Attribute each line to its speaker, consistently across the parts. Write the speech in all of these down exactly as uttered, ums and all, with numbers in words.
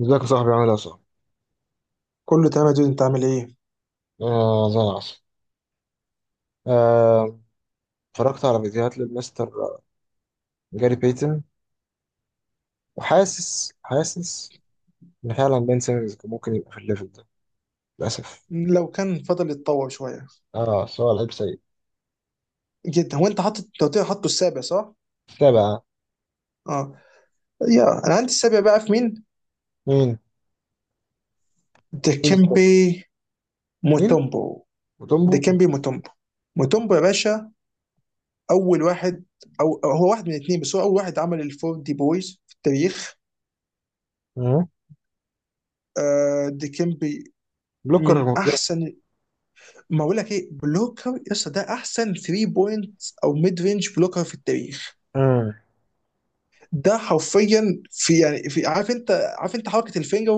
Speaker 1: ازيك يا صاحبي؟ عامل ايه يا صاحبي؟
Speaker 2: كله تمام يا دود، انت عامل ايه؟
Speaker 1: آه، زي العسل. آه، اتفرجت على فيديوهات للمستر جاري بيتن. وحاسس حاسس ان فعلا بين سيمنز كان ممكن يبقى في الليفل ده، للاسف.
Speaker 2: لو كان فضل يتطور شويه
Speaker 1: اه، سؤال لعيب سيء.
Speaker 2: جدا. هو انت حاطط، انت قلت لي حاطه السابع صح؟
Speaker 1: تابع.
Speaker 2: اه. يا انا عندي السابع بقى في مين؟
Speaker 1: مين؟ مين؟ استنى.
Speaker 2: ديكيمبي
Speaker 1: مين؟
Speaker 2: موتومبو.
Speaker 1: وتومبو؟
Speaker 2: ديكيمبي موتومبو، موتومبو يا باشا. اول واحد، او أو هو واحد من الاثنين، بس هو اول واحد عمل الفور دي بويز في التاريخ.
Speaker 1: مم.
Speaker 2: آه ديكيمبي،
Speaker 1: بلوكر
Speaker 2: من
Speaker 1: جامد.
Speaker 2: احسن. ما اقول لك ايه؟ بلوكر يا اسطى، ده احسن ثري بوينت او ميد رينج بلوكر في التاريخ.
Speaker 1: مم.
Speaker 2: ده حرفيا في، يعني في عارف انت، عارف انت حركه الفينجر،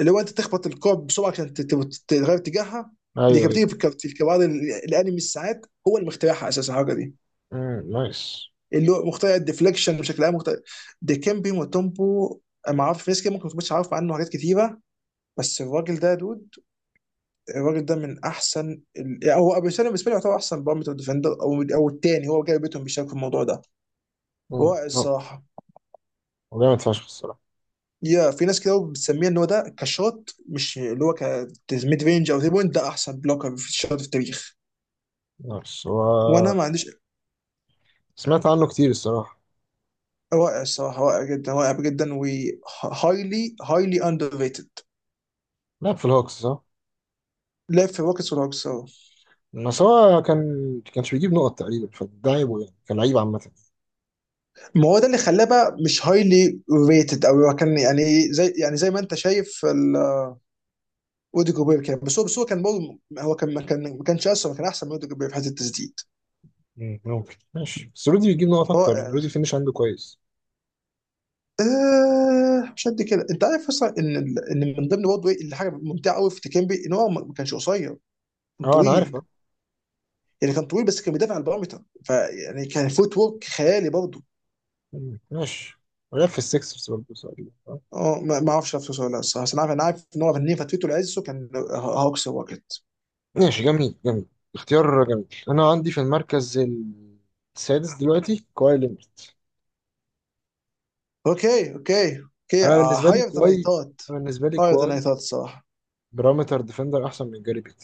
Speaker 2: اللي هو انت تخبط الكوب بسرعه عشان تت- تت- تغير اتجاهها، اللي
Speaker 1: ايوه،
Speaker 2: كانت بتيجي
Speaker 1: ايوه.
Speaker 2: في الكارت- في الكوادر ال- الانمي الساعات، هو اللي مخترعها اساسا الحركه دي.
Speaker 1: مم. نايس.
Speaker 2: اللي هو مخترع الديفليكشن بشكل عام، مخترع. ديكمبي وتومبو، أنا ما اعرف، ناس كده ممكن ما تكونش عارف عنه حاجات كتيره، بس الراجل ده يا دود، الراجل ده من احسن ال... يعني هو ابو سالم بالنسبه لي، يعتبر احسن بارامتر ديفندر، او او الثاني هو جاي بيتهم بيشارك في الموضوع ده.
Speaker 1: مم.
Speaker 2: رائع
Speaker 1: هو
Speaker 2: الصراحه.
Speaker 1: هو جامد فشخ الصراحه.
Speaker 2: يا في ناس كده بتسميه ان هو ده كشوت، مش اللي هو كميد رينج او تري بوينت، ده احسن بلوكر في الشوت في التاريخ.
Speaker 1: نايس.
Speaker 2: وانا
Speaker 1: هو
Speaker 2: ما عنديش،
Speaker 1: سمعت عنه كتير الصراحه.
Speaker 2: رائع الصراحه، رائع جدا، رائع جدا و highly highly underrated.
Speaker 1: لعب في الهوكس صح؟
Speaker 2: لعب في الروكيتس والهوكس أهو.
Speaker 1: بس هو كان كانش بيجيب نقط تقريبا، فده عيبه يعني، كان لعيب عامة.
Speaker 2: ما هو ده اللي خلاه بقى مش هايلي ريتد، او هو كان يعني زي يعني زي ما انت شايف ال- اودي جوبير، كان بس هو بس هو كان برضه، هو كان ما كان ما كانش اسرع، كان احسن من اودي جوبير في حته التسديد.
Speaker 1: مم، ممكن، ماشي. بس رودي بيجيب نقط اكتر،
Speaker 2: رائع.
Speaker 1: رودي الفينش عنده كويس.
Speaker 2: آه مش قد كده، انت عارف اصلا ان ال- ان من ضمن برضه ايه اللي حاجه ممتعه قوي في تيكيمبي، ان هو ما كانش قصير، كان
Speaker 1: اه، انا عارف،
Speaker 2: طويل.
Speaker 1: اه.
Speaker 2: يعني كان طويل بس كان بيدافع على البارامتر، فيعني كان فوت ورك خيالي برضه.
Speaker 1: مم، ماشي. ولعب في السكسرز برضه تقريبا، آه.
Speaker 2: اه ما ما اعرفش نفسه ولا لا الصراحه، بس انا عارف انا عارف ان هو فنان. فترته العزه كان آه، هوكس واكت.
Speaker 1: ماشي، جميل جميل، اختيار جميل. انا عندي في المركز السادس دلوقتي كواي لينارد.
Speaker 2: اوكي اوكي اوكي.
Speaker 1: انا بالنسبه لي
Speaker 2: هاير ذان اي
Speaker 1: كواي
Speaker 2: ثوت،
Speaker 1: انا بالنسبه لي
Speaker 2: هاير ذان اي
Speaker 1: كواي
Speaker 2: ثوت الصراحه.
Speaker 1: بارامتر ديفندر احسن من جاري بيت.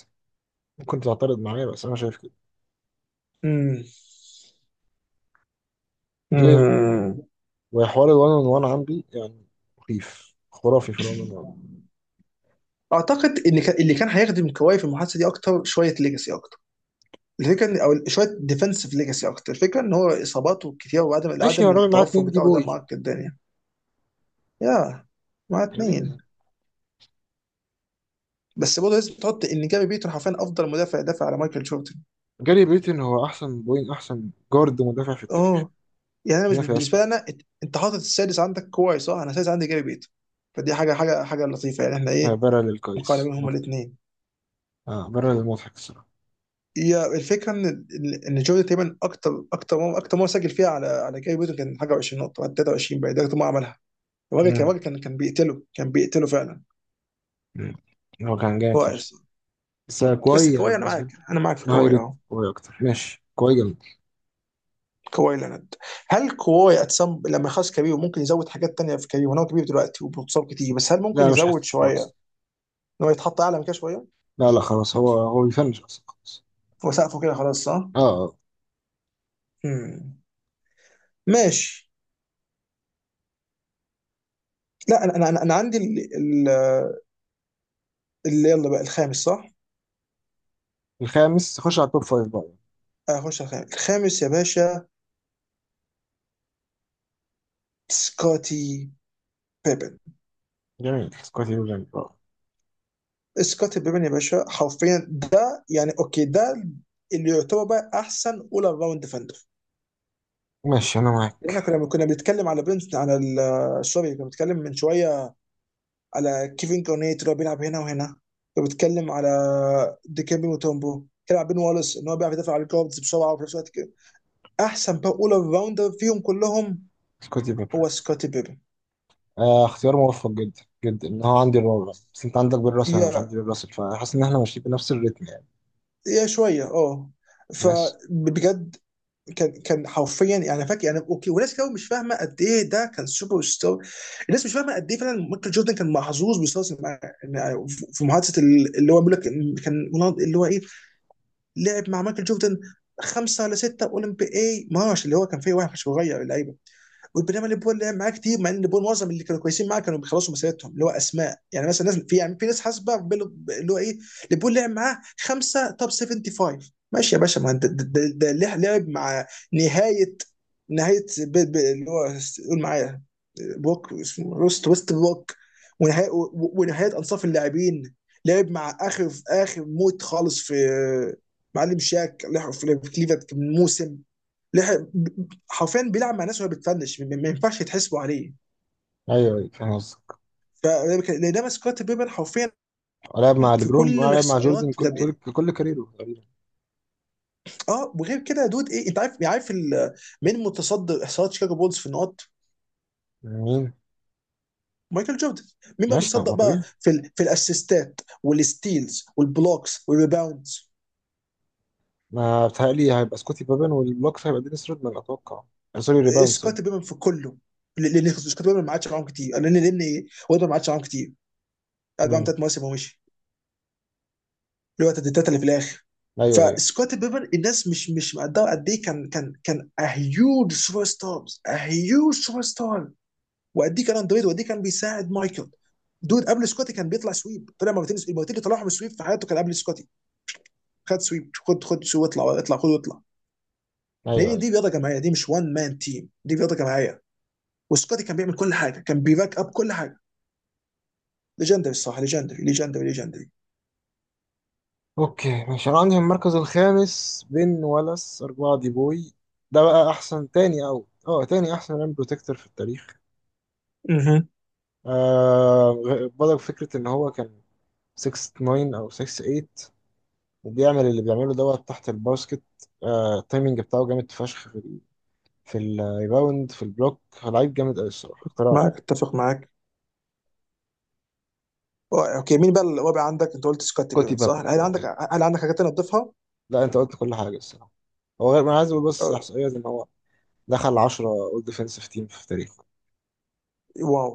Speaker 1: ممكن تعترض معايا بس انا شايف كده.
Speaker 2: امم
Speaker 1: بلاي
Speaker 2: امم
Speaker 1: وحوار الوان اون وان عندي، يعني مخيف، خرافي في الوان اون وان.
Speaker 2: اعتقد ان كان- اللي كان هيخدم كواي في المحادثه دي اكتر شويه ليجاسي اكتر، الفكره ان او شويه ديفنسيف ليجاسي اكتر. الفكره ان هو اصاباته كتير، وعدم
Speaker 1: ماشي يا
Speaker 2: عدم
Speaker 1: راجل، معاه
Speaker 2: التوفر
Speaker 1: اتنين دي
Speaker 2: بتاعه ده معقد الدنيا. يا مع
Speaker 1: بوي
Speaker 2: اتنين. بس برضه لازم تحط ان جاري بيتون حرفيا افضل مدافع دافع على مايكل جوردن.
Speaker 1: جاري بيتن هو احسن بوين احسن جارد مدافع في التاريخ.
Speaker 2: اوه. يعني انا، مش
Speaker 1: ما فيهاش
Speaker 2: بالنسبه
Speaker 1: كده.
Speaker 2: لي انا إت- انت حاطط السادس عندك كويس صح؟ انا السادس عندي جاري بيت، فدي حاجه حاجه حاجه لطيفه. يعني احنا
Speaker 1: آه،
Speaker 2: ايه
Speaker 1: برا
Speaker 2: مقارنين
Speaker 1: للقيس
Speaker 2: هما
Speaker 1: مضحك.
Speaker 2: الاثنين.
Speaker 1: اه، برا للمضحك الصراحه.
Speaker 2: هي الفكره ان ال- ان جوردن تقريبا، اكتر اكتر مرة- اكتر مره سجل فيها على على جاري بيت كان حاجه عشرين نقطه بعد تلاتة وعشرين، بقى ده اكتر مره عملها. الراجل كان
Speaker 1: مم.
Speaker 2: الراجل كان كان بيقتله، كان بيقتله فعلا.
Speaker 1: مم. هو كان جامد
Speaker 2: هو
Speaker 1: فشخ.
Speaker 2: أصلاً.
Speaker 1: بس
Speaker 2: بس
Speaker 1: كوي، يعني
Speaker 2: كواي، انا
Speaker 1: بالنسبه
Speaker 2: معاك
Speaker 1: لي
Speaker 2: انا معاك في
Speaker 1: هاي
Speaker 2: كواي
Speaker 1: ريت
Speaker 2: اه.
Speaker 1: كوي اكتر، ماشي كوي جامد.
Speaker 2: كواي لينارد، هل كواي أتسم... لما يخلص كبير ممكن يزود حاجات تانية في كبير؟ هو كبير دلوقتي وبيتصاب كتير، بس هل ممكن
Speaker 1: لا، مش
Speaker 2: يزود
Speaker 1: حاسس
Speaker 2: شويه
Speaker 1: خلاص.
Speaker 2: ان هو يتحط اعلى من كده شويه؟
Speaker 1: لا لا، خلاص، هو هو بيفنش اصلا خلاص.
Speaker 2: وسقفه كده خلاص صح؟
Speaker 1: اه، آه.
Speaker 2: مم. ماشي. لا، انا انا انا عندي ال- ال- اللي يلا بقى الخامس صح؟
Speaker 1: الخامس. خش على التوب فايف بقى.
Speaker 2: اخش الخامس، الخامس يا باشا. سكوتي بيبن،
Speaker 1: جميل، سكوتي بيبرن، آه.
Speaker 2: سكوتي بيبن يا باشا حرفيا. ده يعني اوكي، ده اللي يعتبر بقى احسن اول راوند ديفندر.
Speaker 1: ماشي، انا
Speaker 2: احنا
Speaker 1: معاك.
Speaker 2: كنا كنا بنتكلم على بنت على ال- سوري، كنا بنتكلم من شويه على كيفن كورنيت اللي هو بيلعب هنا وهنا، وبتكلم على ديكيمبي موتومبو، بيلعب بين والاس، ان هو بيعرف يدافع على الجاردز بسرعه وفي نفس الوقت كده. احسن بقى اول راوندر فيهم كلهم
Speaker 1: سكوتي بيبرن،
Speaker 2: هو سكوتي بيبن.
Speaker 1: آه، اختيار موفق جدا جدا. ان هو عندي الرابع، بس انت عندك بيل راسل، انا مش
Speaker 2: يا
Speaker 1: عندي بيل راسل، فحاسس ان احنا ماشيين بنفس الريتم يعني.
Speaker 2: يا شويه اه.
Speaker 1: بس،
Speaker 2: فبجد كان، كان حرفيا يعني فاكر. يعني اوكي، وناس كتير مش فاهمه قد ايه ده كان سوبر ستار. الناس مش فاهمه قد ايه فعلا مايكل جوردن كان محظوظ بيستثمر مع، يعني في محادثه اللي هو بيقول لك كان، اللي هو ايه، لعب مع مايكل جوردن خمسه ولا سته اولمبي اي مارش اللي هو كان فيه واحد صغير اللعيب. وبينما ليفربول لعب معاه كتير، مع ان ليفربول معظم اللي كانوا كويسين معاه كانوا بيخلصوا مسيرتهم، اللي هو اسماء يعني مثلا، ناس في، يعني في ناس حاسبه بيلو- اللي هو ايه، ليفربول لعب معاه خمسه توب سفنتي فايف. ماشي يا باشا، ما انت ده- ده ده لع- لعب مع نهايه، نهايه بي- بي- اللي هو، قول معايا، بوك اسمه روست ويست بوك. ونهايه و- ونهايه انصاف اللاعبين، لعب مع اخر في اخر موت خالص في آه، معلم شاك، لعب في كليفلاند من موسم لح- حرفيا بيلعب مع ناس وهو بتفنش، ما ما ينفعش يتحسبوا عليه.
Speaker 1: ايوه ايوه، فاهم قصدك.
Speaker 2: ف لان ده سكوت بيبن حرفيا
Speaker 1: لعب مع
Speaker 2: في
Speaker 1: ليبرون
Speaker 2: كل
Speaker 1: ولعب مع
Speaker 2: الاحصائيات
Speaker 1: جوردن
Speaker 2: بتاع.
Speaker 1: كل طول كل كاريره تقريبا.
Speaker 2: اه وغير كده يا دود، ايه انت عارف، يعني عارف ال- مين متصدر احصائيات شيكاغو بولز في النقط؟
Speaker 1: مين؟
Speaker 2: مايكل جوردن. مين بقى
Speaker 1: ماشي، طب
Speaker 2: متصدر
Speaker 1: ما
Speaker 2: بقى
Speaker 1: طبيعي.
Speaker 2: في ال... في الاسيستات والستيلز والبلوكس والريباوندز؟
Speaker 1: ما بتهيألي هيبقى سكوتي بابن، والبلوكس هيبقى دينيس رودمان اتوقع. آه، سوري ريباوند، سوري.
Speaker 2: سكوت بيبن في كله. لان سكوت بيبن ما عادش معاهم كتير، لان لان وده ما عادش معاهم كتير، قعد معاهم
Speaker 1: مم.
Speaker 2: ثلاث مواسم ومشي. اللي هو التسديدات اللي في الاخر.
Speaker 1: ايوه ايوه
Speaker 2: فسكوتي بيبن، الناس مش مش مقدره قد ايه كان، كان كان هيوج سوبر ستار، هيوج سوبر ستار. وقد ايه كان اندرويد، وقد ايه كان بيساعد مايكل. دود قبل سكوتي كان بيطلع سويب، طلع مرتين، المرتين اللي طلعهم سويب في حياته كان قبل سكوتي. خد سويب، خد خد سويب، اطلع، اطلع خد واطلع.
Speaker 1: ايوه
Speaker 2: لان
Speaker 1: ايوه.
Speaker 2: دي رياضه جماعيه، دي مش وان مان تيم، دي رياضه جماعيه. وسكوتي كان بيعمل كل حاجه، كان بيباك اب كل حاجه. ليجندري الصراحه، ليجندري، ليجندري، ليجندري.
Speaker 1: اوكي ماشي، انا عندي في المركز الخامس بن ولاس، اربعة دي بوي. ده بقى احسن تاني او اه تاني احسن ريم بروتكتور في التاريخ.
Speaker 2: اها.
Speaker 1: آه غ- بدأ فكرة ان هو كان ستة تسعة او ستة تمنية وبيعمل اللي بيعمله دوت تحت الباسكت. آه، التايمنج بتاعه جامد فشخ في ال- في الريباوند، في البلوك، هو لعيب جامد قوي الصراحه، اختراع
Speaker 2: معاك،
Speaker 1: يعني.
Speaker 2: اتفق معاك. آه، اوكي، مين بقى اللي هو بقى عندك؟ انت قلت سكوت
Speaker 1: كوتي
Speaker 2: بيبن صح؟
Speaker 1: بابا،
Speaker 2: هل
Speaker 1: آه.
Speaker 2: عندك، هل عندك حاجات تانية تضيفها؟
Speaker 1: لا، انت قلت كل حاجه الصراحه. هو غير، انا عايز اقول بس
Speaker 2: آه،
Speaker 1: احصائيه ان هو دخل عشرة اول ديفensive تيم في تاريخه.
Speaker 2: واو،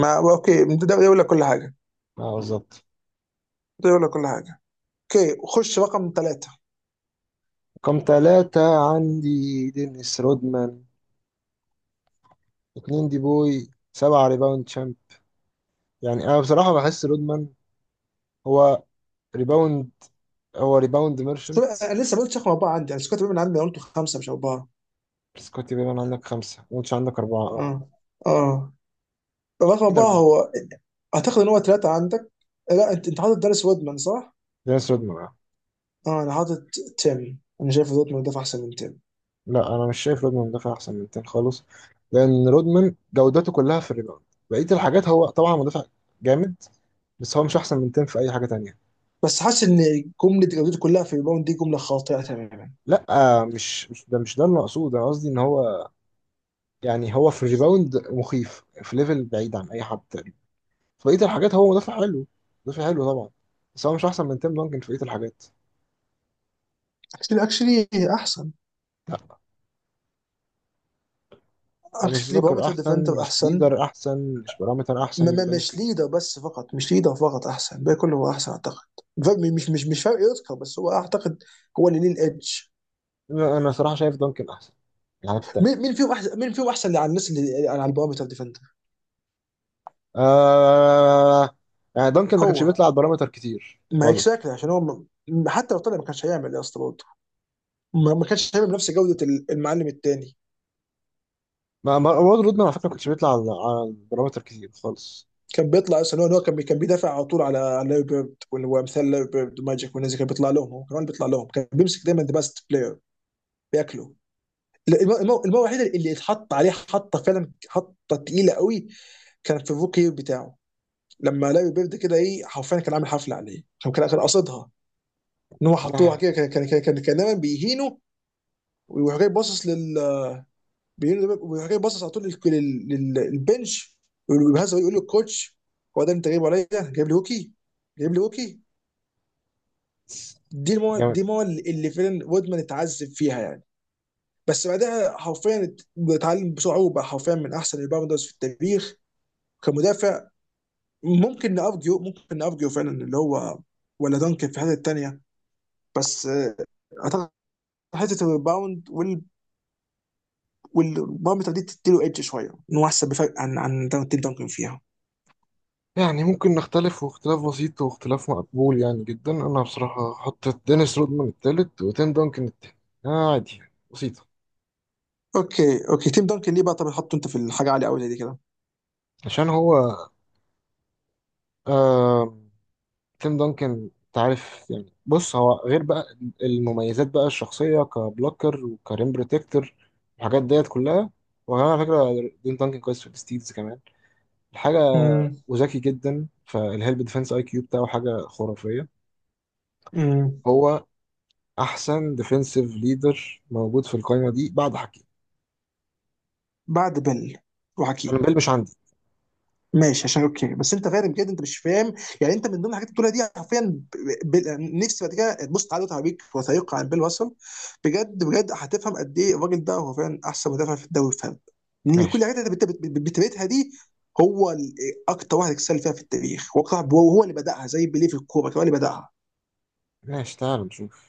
Speaker 2: ما اوكي ده يقول لك كل حاجه،
Speaker 1: اه، بالظبط.
Speaker 2: ده يقول لك كل حاجه. اوكي خش رقم ثلاثة.
Speaker 1: رقم ثلاثة، عندي دينيس رودمان، اتنين دي بوي، سبعة ريباوند شامب. يعني انا بصراحة بحس رودمان هو ريباوند هو ريباوند ميرشنت.
Speaker 2: انا لسه ما قلتش رقم اربعة عندي، انا سكوت بيبن عندي أنا، قلته خمسة مش اربعة.
Speaker 1: بس كوتي بيبان عندك خمسة وانتش عندك أربعة، اه.
Speaker 2: اه اه. رقم
Speaker 1: مين
Speaker 2: اربعة
Speaker 1: أربعة؟
Speaker 2: هو، اعتقد ان هو ثلاثة عندك. لا، انت انت حاطط داريس وودمان صح؟
Speaker 1: جايس رودمان، آه.
Speaker 2: اه انا حاطط تيم، انا شايف وودمان ده احسن من تيم.
Speaker 1: لا، انا مش شايف رودمان مدافع احسن من تين خالص. لان رودمان جودته كلها في الريباوند، بقيه الحاجات هو طبعا مدافع جامد، بس هو مش احسن من تين في اي حاجه تانية.
Speaker 2: بس حاسس ان جملة جودته كلها في الريباوند دي جملة خاطئة تماما.
Speaker 1: لا. آه، مش مش ده، مش ده اللي مقصود. انا قصدي ان هو، يعني هو في الريباوند مخيف، في ليفل بعيد عن اي حد تاني. في بقيه الحاجات هو مدافع حلو، مدافع حلو طبعا، بس هو مش احسن من تيم دانكن في بقيه الحاجات.
Speaker 2: اكشلي اكشلي احسن،
Speaker 1: لا، هو مش
Speaker 2: اكشلي
Speaker 1: بلوكر
Speaker 2: بارامتر
Speaker 1: احسن،
Speaker 2: ديفندر
Speaker 1: مش
Speaker 2: احسن.
Speaker 1: ليدر احسن، مش بارامتر احسن
Speaker 2: ما
Speaker 1: من
Speaker 2: ما مش
Speaker 1: دانكن.
Speaker 2: ليدر بس فقط، مش ليدر فقط، احسن الباقي كله هو احسن اعتقد. فاهم؟ مش مش مش فارق يذكر، بس هو اعتقد هو اللي ليه الادج.
Speaker 1: انا أنا صراحه شايف دانكن احسن، يعني.
Speaker 2: مين مين فيهم احسن مين فيهم احسن اللي على الناس اللي على البارامتر ديفندر.
Speaker 1: آه، يعني دانكن ما كانش
Speaker 2: هو
Speaker 1: بيطلع على البارامتر كتير
Speaker 2: مايك
Speaker 1: خالص.
Speaker 2: شاكلي عشان هو م- م- حتى لو طلع ما كانش هيعمل يا اسطى برضه، ما ما كانش هيعمل بنفس جوده ال- المعلم التاني.
Speaker 1: ما ما- وارد رودمان على فكره ما كانش بيطلع على على البارامتر كتير خالص.
Speaker 2: كان بيطلع اصلا، هو إن هو كان بي- كان بيدافع على طول على على لاري بيرد وال- وامثال لاري بيرد وماجيك والناس دي، كان بيطلع لهم، هو كمان بيطلع لهم، كان بيمسك دايما ذا بيست بلاير بياكله. لا، المره المرة- المرة الوحيده اللي اتحط عليه حطه فعلا، حطه تقيله قوي كان في الروكي بتاعه. لما لاري بيرد كده ايه، حرفيا كان عامل حفله عليه، كان كان كان قاصدها ان هو حطوها
Speaker 1: آه،
Speaker 2: كده، كان كان كان كان, كان دايما بيهينه، ويروح جاي باصص لل، بيهينه- ويروح جاي باصص على طول لل- لل- لل- للبنش، ويهزر ويقول للكوتش: هو ده اللي انت جايبه عليا؟ جايب لي هوكي، جايب لي هوكي. دي المو...
Speaker 1: جامد.
Speaker 2: دي المو اللي فعلا وودمان اتعذب فيها يعني. بس بعدها حرفيا ات- اتعلم بسرعه، وبقى حرفيا من احسن الباوندرز في التاريخ كمدافع. ممكن نارجيو ممكن نارجيو فعلا اللي هو، ولا دانكن في الحته الثانيه، بس آه، اعتقد حته الريباوند وال والبارامتر دي تديله ايدج شويه، ان هو احسن بفرق عن عن دان- تيم دانكن فيها.
Speaker 1: يعني ممكن نختلف، واختلاف بسيط، واختلاف مقبول يعني جدا. انا بصراحه حطيت دينيس رودمان التالت وتيم دانكن التاني. آه، عادي يعني، بسيطه.
Speaker 2: اوكي اوكي، تيم دانكن ليه بقى؟ طب حطه انت في الحاجه عاليه قوي زي دي كده.
Speaker 1: عشان هو، آه، تيم دانكن تعرف يعني، بص هو غير بقى المميزات بقى الشخصية كبلوكر وكريم بروتكتور، الحاجات ديت كلها. وكمان على فكرة، تيم دانكن كويس في الستيلز كمان، الحاجة. وذكي جدا، فالهيلب ديفense اي كيو بتاعه حاجة خرافية.
Speaker 2: امم.
Speaker 1: هو أحسن ديفنسيف ليدر موجود في القايمة دي بعد حكيم.
Speaker 2: بعد بيل
Speaker 1: أنا
Speaker 2: وحكيم.
Speaker 1: بيل مش عندي.
Speaker 2: ماشي، عشان اوكي، بس انت فاهم بجد انت مش فاهم. يعني انت من ضمن الحاجات اللي بتقولها دي حرفيا ب- ب- نفسي بعد كده تبص تعالى وتعبيك وثائقي عن بيل واسل، بجد بجد هتفهم قد ايه الراجل ده هو فعلا احسن مدافع في الدوري. فاهم؟ لان كل الحاجات
Speaker 1: ماشي
Speaker 2: اللي انت بت- بت- بتبيتها دي هو ال- اكتر واحد اكسل فيها في التاريخ، وأكتر واحد- وهو اللي بداها زي بيليه في الكوره، هو اللي بداها.
Speaker 1: ماشي، تعال نشوف.